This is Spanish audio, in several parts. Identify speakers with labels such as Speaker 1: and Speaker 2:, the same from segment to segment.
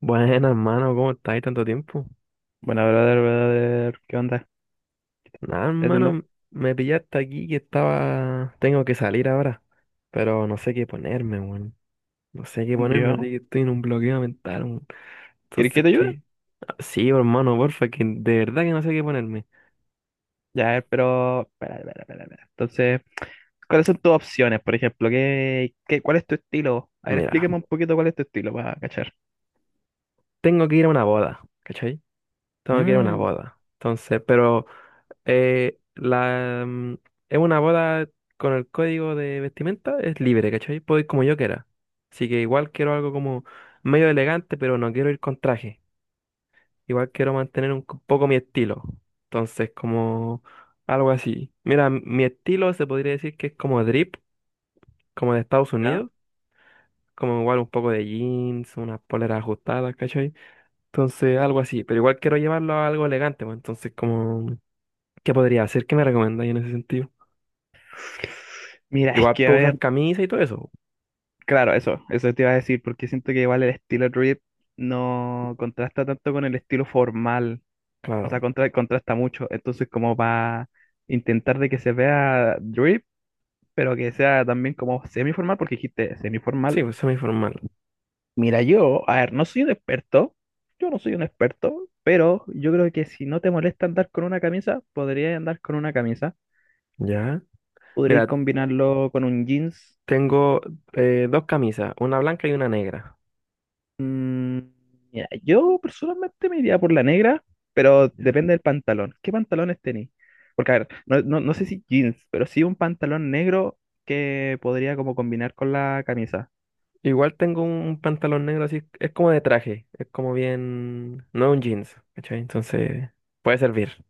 Speaker 1: Buenas, hermano, ¿cómo estáis tanto tiempo?
Speaker 2: Bueno, brother, ¿qué onda?
Speaker 1: Nada,
Speaker 2: ¿Qué haciendo?
Speaker 1: hermano, me pillaste aquí que estaba... Tengo que salir ahora, pero no sé qué ponerme, weón. No sé qué ponerme, así
Speaker 2: ¿Yo?
Speaker 1: que estoy en un bloqueo mental, weón.
Speaker 2: ¿Quieres que
Speaker 1: Entonces,
Speaker 2: te ayude?
Speaker 1: ¿qué? Sí, hermano, porfa, que de verdad que no sé qué ponerme.
Speaker 2: Ya, pero... Espera. Entonces, ¿cuáles son tus opciones, por ejemplo? ¿ cuál es tu estilo? A ver,
Speaker 1: Mira,
Speaker 2: explícame un poquito cuál es tu estilo para cachar.
Speaker 1: tengo que ir a una boda, ¿cachai? Tengo que ir a una
Speaker 2: Mm,
Speaker 1: boda. Entonces, pero... Eh, la, mm, es una boda con el código de vestimenta, es libre, ¿cachai? Puedo ir como yo quiera. Así que igual quiero algo como medio elegante, pero no quiero ir con traje. Igual quiero mantener un poco mi estilo. Entonces, como algo así. Mira, mi estilo se podría decir que es como drip, como de Estados
Speaker 2: ¿ya?
Speaker 1: Unidos. Como igual un poco de jeans, unas poleras ajustadas, ¿cachai? Entonces, algo así. Pero igual quiero llevarlo a algo elegante, pues. Entonces, como, ¿qué podría hacer? ¿Qué me recomendáis en ese sentido?
Speaker 2: Mira, es
Speaker 1: Igual
Speaker 2: que, a
Speaker 1: puedo usar
Speaker 2: ver,
Speaker 1: camisa y todo eso.
Speaker 2: claro, eso te iba a decir, porque siento que igual el estilo drip no contrasta tanto con el estilo formal, o sea,
Speaker 1: Claro.
Speaker 2: contrasta mucho, entonces como para intentar de que se vea drip, pero que sea también como semiformal, porque dijiste
Speaker 1: Sí,
Speaker 2: semiformal.
Speaker 1: pues semi-formal.
Speaker 2: Mira, yo, a ver, no soy un experto, yo no soy un experto, pero yo creo que si no te molesta andar con una camisa, podrías andar con una camisa,
Speaker 1: Ya.
Speaker 2: podríais
Speaker 1: Mira,
Speaker 2: combinarlo con un jeans.
Speaker 1: tengo dos camisas, una blanca y una negra.
Speaker 2: Mm, mira, yo personalmente me iría por la negra, pero
Speaker 1: Ya.
Speaker 2: depende del pantalón. ¿Qué pantalones tenéis? Porque, a ver, no sé si jeans, pero sí un pantalón negro que podría como combinar con la camisa.
Speaker 1: Igual tengo un pantalón negro así, es como de traje, es como bien, no es un jeans, ¿cachai? Entonces, puede servir.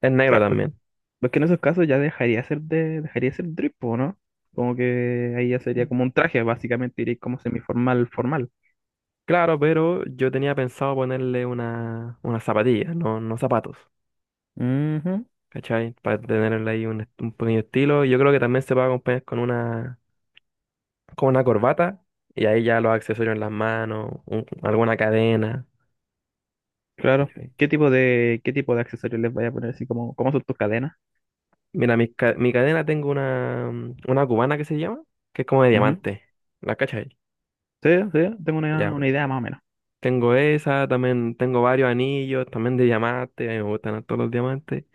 Speaker 1: Es negro también.
Speaker 2: Pues que en esos casos dejaría ser drip, po, ¿no? Como que ahí ya sería como un traje, básicamente iría como semiformal, formal.
Speaker 1: Claro, pero yo tenía pensado ponerle una zapatilla, no, no zapatos,
Speaker 2: Ujú.
Speaker 1: ¿cachai? Para tenerle ahí un pequeño estilo. Yo creo que también se puede acompañar con con una corbata y ahí ya los accesorios en las manos, alguna cadena.
Speaker 2: Claro.
Speaker 1: ¿Cachai?
Speaker 2: Qué tipo de accesorios les voy a poner? Así como, ¿cómo son tus cadenas?
Speaker 1: Mira, mi cadena tengo una, una cubana que se llama, que es como de
Speaker 2: Ujú.
Speaker 1: diamante. ¿La cachai?
Speaker 2: Sí, sí, tengo
Speaker 1: Ya, pues,
Speaker 2: una idea más o menos.
Speaker 1: tengo esa, también tengo varios anillos, también de diamante, a mí me gustan todos los diamantes.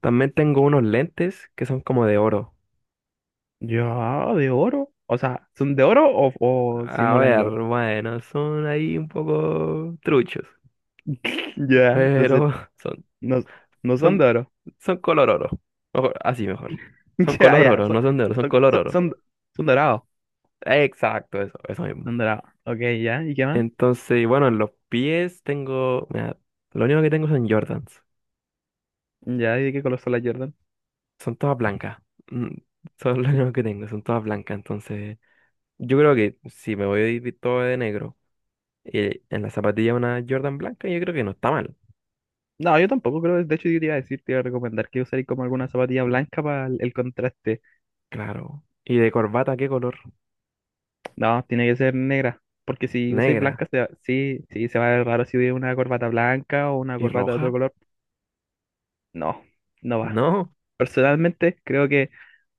Speaker 1: También tengo unos lentes que son como de oro.
Speaker 2: Ya, de oro. O sea, ¿son de oro o
Speaker 1: A
Speaker 2: simulan el
Speaker 1: ver,
Speaker 2: oro?
Speaker 1: bueno, son ahí un poco truchos,
Speaker 2: Ya, entonces,
Speaker 1: pero son
Speaker 2: no, no son de
Speaker 1: Son,
Speaker 2: oro.
Speaker 1: son color oro. Mejor, así mejor. Son
Speaker 2: Ya,
Speaker 1: color
Speaker 2: ya,
Speaker 1: oro, no son de oro, son
Speaker 2: son,
Speaker 1: color
Speaker 2: son,
Speaker 1: oro.
Speaker 2: son- son dorados.
Speaker 1: Exacto, eso mismo.
Speaker 2: Son dorados. Ok, ya, ¿y qué más?
Speaker 1: Entonces, bueno, en los pies tengo. Mira, lo único que tengo son Jordans.
Speaker 2: Ya, ¿y de qué color son las Jordan?
Speaker 1: Son todas blancas. Mm, son lo único que tengo, son todas blancas. Entonces, yo creo que si me voy todo de negro, en la zapatilla una Jordan blanca, yo creo que no está mal.
Speaker 2: No, yo tampoco creo, de hecho yo te iba a decir, te iba a recomendar que usáis como alguna zapatilla blanca para el contraste.
Speaker 1: Claro. ¿Y de corbata qué color?
Speaker 2: No, tiene que ser negra, porque si usáis
Speaker 1: ¿Negra?
Speaker 2: blanca, sí, sí, se va a ver raro si hubiera una corbata blanca o una
Speaker 1: ¿Y
Speaker 2: corbata de otro
Speaker 1: roja?
Speaker 2: color. No, no va.
Speaker 1: No.
Speaker 2: Personalmente, creo que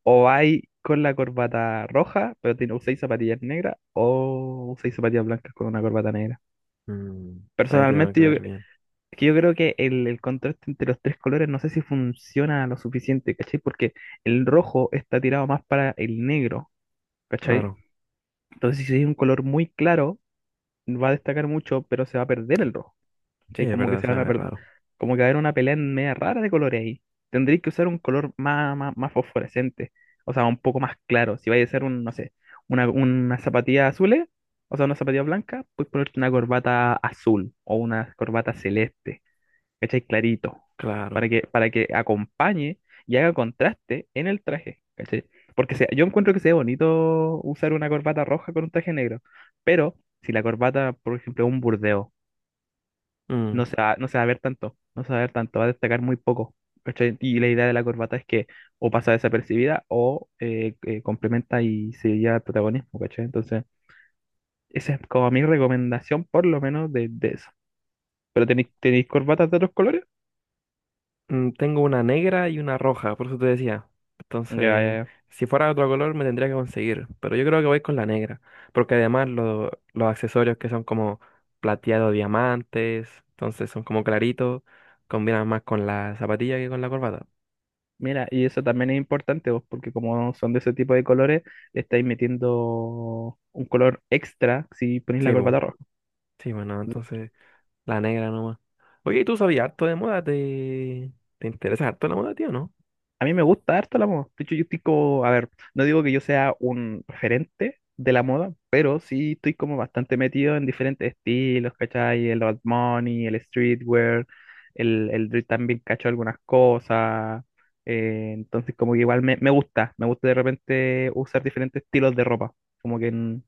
Speaker 2: o vais con la corbata roja, pero tiene, usáis zapatillas negras, o usáis zapatillas blancas con una corbata negra.
Speaker 1: Mm, ahí tenemos que
Speaker 2: Personalmente, yo,
Speaker 1: ver
Speaker 2: es
Speaker 1: bien.
Speaker 2: que yo creo que el contraste entre los tres colores no sé si funciona lo suficiente, ¿cachai? Porque el rojo está tirado más para el negro, ¿cachai?
Speaker 1: Claro.
Speaker 2: Entonces, si es un color muy claro, va a destacar mucho, pero se va a perder el rojo,
Speaker 1: Sí,
Speaker 2: ¿cachai?
Speaker 1: es
Speaker 2: Como que
Speaker 1: verdad,
Speaker 2: se van a
Speaker 1: sabe
Speaker 2: perder,
Speaker 1: raro.
Speaker 2: como que va a haber una pelea en media rara de colores ahí. Tendréis que usar un color más fosforescente, o sea, un poco más claro. Si vais a hacer un, no sé, una zapatilla azul, o sea, una zapatilla blanca, puedes ponerte una corbata azul o una corbata celeste. ¿Cachai? Clarito,
Speaker 1: Claro.
Speaker 2: para que acompañe y haga contraste en el traje, ¿cachai? Porque se- yo encuentro que sea bonito usar una corbata roja con un traje negro, pero si la corbata, por ejemplo, es un burdeo,
Speaker 1: Mm.
Speaker 2: no se va a ver tanto, no se va a ver tanto, va a destacar muy poco, ¿cachai? Y la idea de la corbata es que o pasa desapercibida o complementa y se lleva el protagonismo, ¿cachai? Entonces, esa es como mi recomendación, por lo menos, de eso. ¿Pero tenéis corbatas de otros colores?
Speaker 1: Mm, tengo una negra y una roja, por eso te decía.
Speaker 2: Ya,
Speaker 1: Entonces,
Speaker 2: ya,
Speaker 1: si fuera de otro color me tendría que conseguir, pero yo creo que voy con la negra, porque además los accesorios que son como plateado diamantes, entonces son como claritos, combinan más con la zapatilla que con la corbata.
Speaker 2: mira, y eso también es importante, vos, porque como son de ese tipo de colores, le estáis metiendo un color extra si ponéis la
Speaker 1: Sí, bu.
Speaker 2: corbata roja.
Speaker 1: Sí, bueno, entonces la negra nomás. Oye, ¿y tú sabías harto de moda? ¿Te interesa harto la moda, tío, no?
Speaker 2: A mí me gusta harto la moda. De hecho, yo estoy como, a ver, no digo que yo sea un referente de la moda, pero sí estoy como bastante metido en diferentes estilos, ¿cachai? El old money, el streetwear, el drift también cacho algunas cosas. Entonces, como que igual me gusta de repente usar diferentes estilos de ropa. Como que en-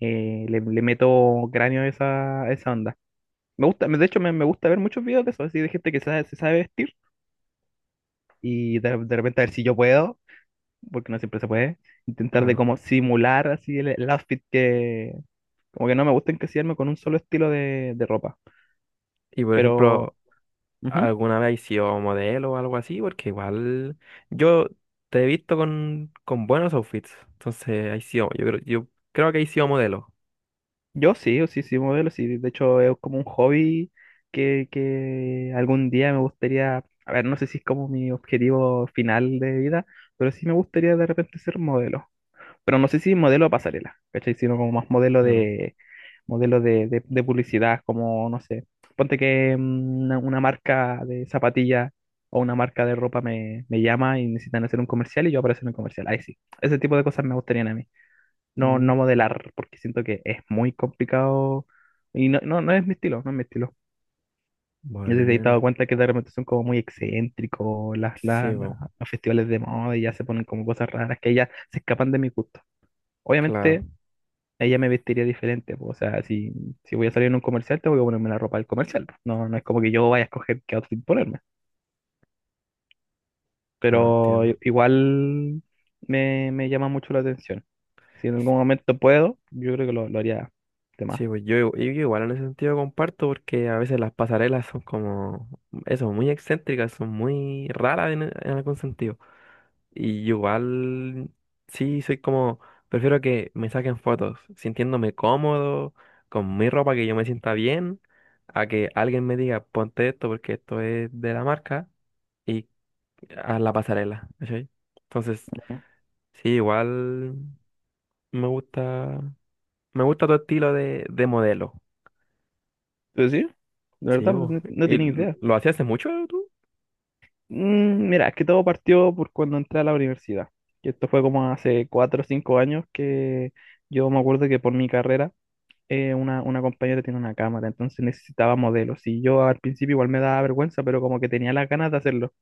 Speaker 2: le meto cráneo a a esa onda. Me gusta, de hecho, me gusta ver muchos videos de eso, así de gente que sabe- se sabe vestir y de repente a ver si yo puedo, porque no siempre se puede, intentar de
Speaker 1: Claro.
Speaker 2: como simular así el outfit que, como que no me gusta encasillarme con un solo estilo de ropa.
Speaker 1: Y por
Speaker 2: Pero
Speaker 1: ejemplo,
Speaker 2: ujú,
Speaker 1: alguna vez has sido modelo o algo así, porque igual yo te he visto con buenos outfits. Entonces, has sido, yo creo que has sido modelo.
Speaker 2: sí, modelo, sí, de hecho es como un hobby que algún día me gustaría, a ver, no sé si es como mi objetivo final de vida, pero sí me gustaría de repente ser modelo. Pero no sé si modelo de pasarela, ¿cachai? Sino como más modelo
Speaker 1: Claro.
Speaker 2: de, de publicidad, como, no sé, ponte que mm, una marca de zapatillas o una marca de ropa me llama y necesitan hacer un comercial y yo aparezco en el comercial. Ahí sí, ese tipo de cosas me gustarían a mí. No, no
Speaker 1: Mm,
Speaker 2: modelar, porque siento que es muy complicado y no es mi estilo, no es mi estilo. Yo sí me he dado
Speaker 1: buena.
Speaker 2: cuenta que de repente son como muy excéntricos
Speaker 1: Sí, bo.
Speaker 2: los festivales de moda y ya se ponen como cosas raras que ya se escapan de mi gusto.
Speaker 1: Claro,
Speaker 2: Obviamente ella me vestiría diferente, pues, o sea, si voy a salir en un comercial, tengo que ponerme la ropa del comercial, pues. No, no es como que yo vaya a escoger qué outfit ponerme,
Speaker 1: claro,
Speaker 2: pero
Speaker 1: entiendo.
Speaker 2: igual me llama mucho la atención. Si en
Speaker 1: S-
Speaker 2: algún momento puedo, yo creo que lo haría de más.
Speaker 1: Sí, pues yo igual en ese sentido comparto porque a veces las pasarelas son como, eso, muy excéntricas, son muy raras en algún sentido. Y igual, sí, soy como, prefiero que me saquen fotos sintiéndome cómodo, con mi ropa, que yo me sienta bien, a que alguien me diga, ponte esto porque esto es de la marca y a la pasarela, ¿cachai? Entonces,
Speaker 2: Ujú.
Speaker 1: sí, igual me gusta, me gusta tu estilo de modelo.
Speaker 2: Pero sí, de
Speaker 1: Sí,
Speaker 2: verdad, pues,
Speaker 1: vos.
Speaker 2: no, no
Speaker 1: ¿Y
Speaker 2: tenía idea.
Speaker 1: lo hacías hace mucho tú?
Speaker 2: Mm, mira, es que todo partió por cuando entré a la universidad, y esto fue como hace cuatro o cinco años que yo me acuerdo que por mi carrera una compañera tiene una cámara, entonces necesitaba modelos. Y yo al principio igual me daba vergüenza, pero como que tenía las ganas de hacerlo.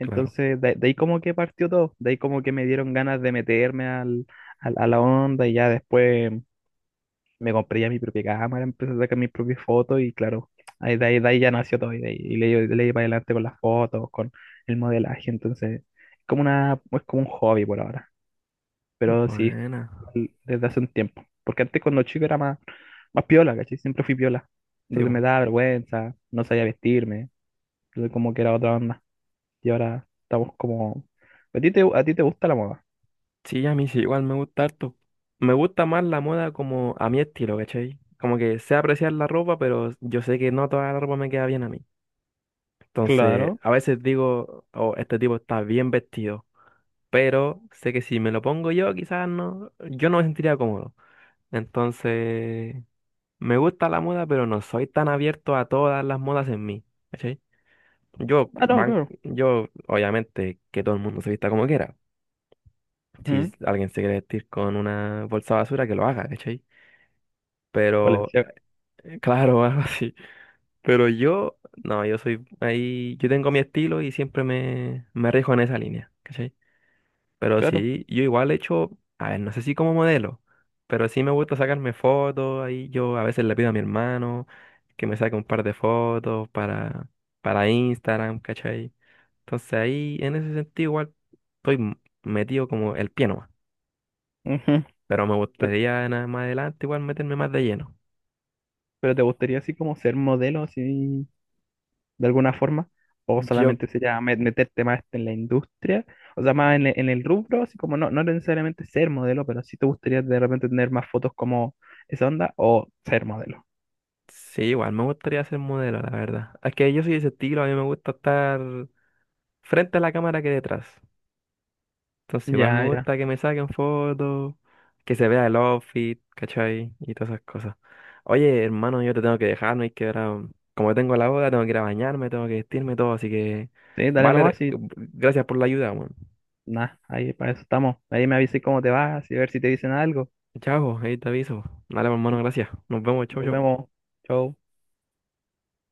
Speaker 1: Claro.
Speaker 2: de ahí como que partió todo, de ahí como que me dieron ganas de meterme a la onda y ya después me compré ya mi propia cámara, empecé a sacar mis propias fotos y claro, de ahí ya nació todo y, de ahí, y le di para adelante con las fotos, con el modelaje. Entonces es como una, es como un hobby por ahora. Pero sí,
Speaker 1: Buena.
Speaker 2: igual desde hace un tiempo. Porque antes cuando chico era más piola, ¿cachai? Siempre fui piola.
Speaker 1: Sí,
Speaker 2: Entonces
Speaker 1: vos.
Speaker 2: me daba vergüenza, no sabía vestirme. Entonces como que era otra onda. Y ahora estamos como... ¿A ti a ti te gusta la moda?
Speaker 1: Sí, a mí sí, igual me gusta harto. Me gusta más la moda como a mi estilo, ¿cachai? Como que sé apreciar la ropa, pero yo sé que no toda la ropa me queda bien a mí. Entonces,
Speaker 2: Claro.
Speaker 1: a veces digo, oh, este tipo está bien vestido, pero sé que si me lo pongo yo, quizás no, yo no me sentiría cómodo. Entonces, me gusta la moda, pero no soy tan abierto a todas las modas en mí, ¿cachai? Yo,
Speaker 2: Ah, no,
Speaker 1: van,
Speaker 2: claro.
Speaker 1: yo, obviamente, que todo el mundo se vista como quiera. Si
Speaker 2: Ujú.
Speaker 1: alguien se quiere vestir con una bolsa de basura, que lo haga, ¿cachai? Pero,
Speaker 2: Valenciaga,
Speaker 1: claro, algo así. Pero yo, no, yo soy ahí, yo tengo mi estilo y siempre me rijo en esa línea, ¿cachai? Pero
Speaker 2: claro.
Speaker 1: sí, yo igual he hecho, a ver, no sé si como modelo, pero sí me gusta sacarme fotos, ahí yo a veces le pido a mi hermano que me saque un par de fotos para Instagram, ¿cachai? Entonces ahí, en ese sentido, igual estoy metido como el pie.
Speaker 2: Ujú.
Speaker 1: Pero me
Speaker 2: Pero,
Speaker 1: gustaría más adelante igual meterme más de lleno.
Speaker 2: pero te gustaría así como ser modelo, así... ¿de alguna forma? ¿O
Speaker 1: Yo,
Speaker 2: solamente sería meterte más en la industria? O sea, más en en el rubro, así como no, no necesariamente ser modelo, pero si te gustaría de repente tener más fotos como esa onda o ser modelo.
Speaker 1: sí, igual me gustaría ser modelo, la verdad. Es que yo soy de ese estilo, a mí me gusta estar frente a la cámara que detrás. Entonces igual me
Speaker 2: Ya, ya.
Speaker 1: gusta que me saquen fotos, que se vea el outfit, ¿cachai? Y todas esas cosas. Oye, hermano, yo te tengo que dejar, no hay que ahora, como tengo la boda, tengo que ir a bañarme, tengo que vestirme y todo, así que,
Speaker 2: Sí, dale
Speaker 1: vale,
Speaker 2: nomás y
Speaker 1: gracias por la ayuda, weón.
Speaker 2: nada, ahí para eso estamos. Ahí me avisas cómo te vas y ver si te dicen algo.
Speaker 1: Chao, ahí te aviso. Dale, hermano,
Speaker 2: Ya,
Speaker 1: gracias. Nos vemos, chau,
Speaker 2: nos
Speaker 1: chau.
Speaker 2: vemos. Chau.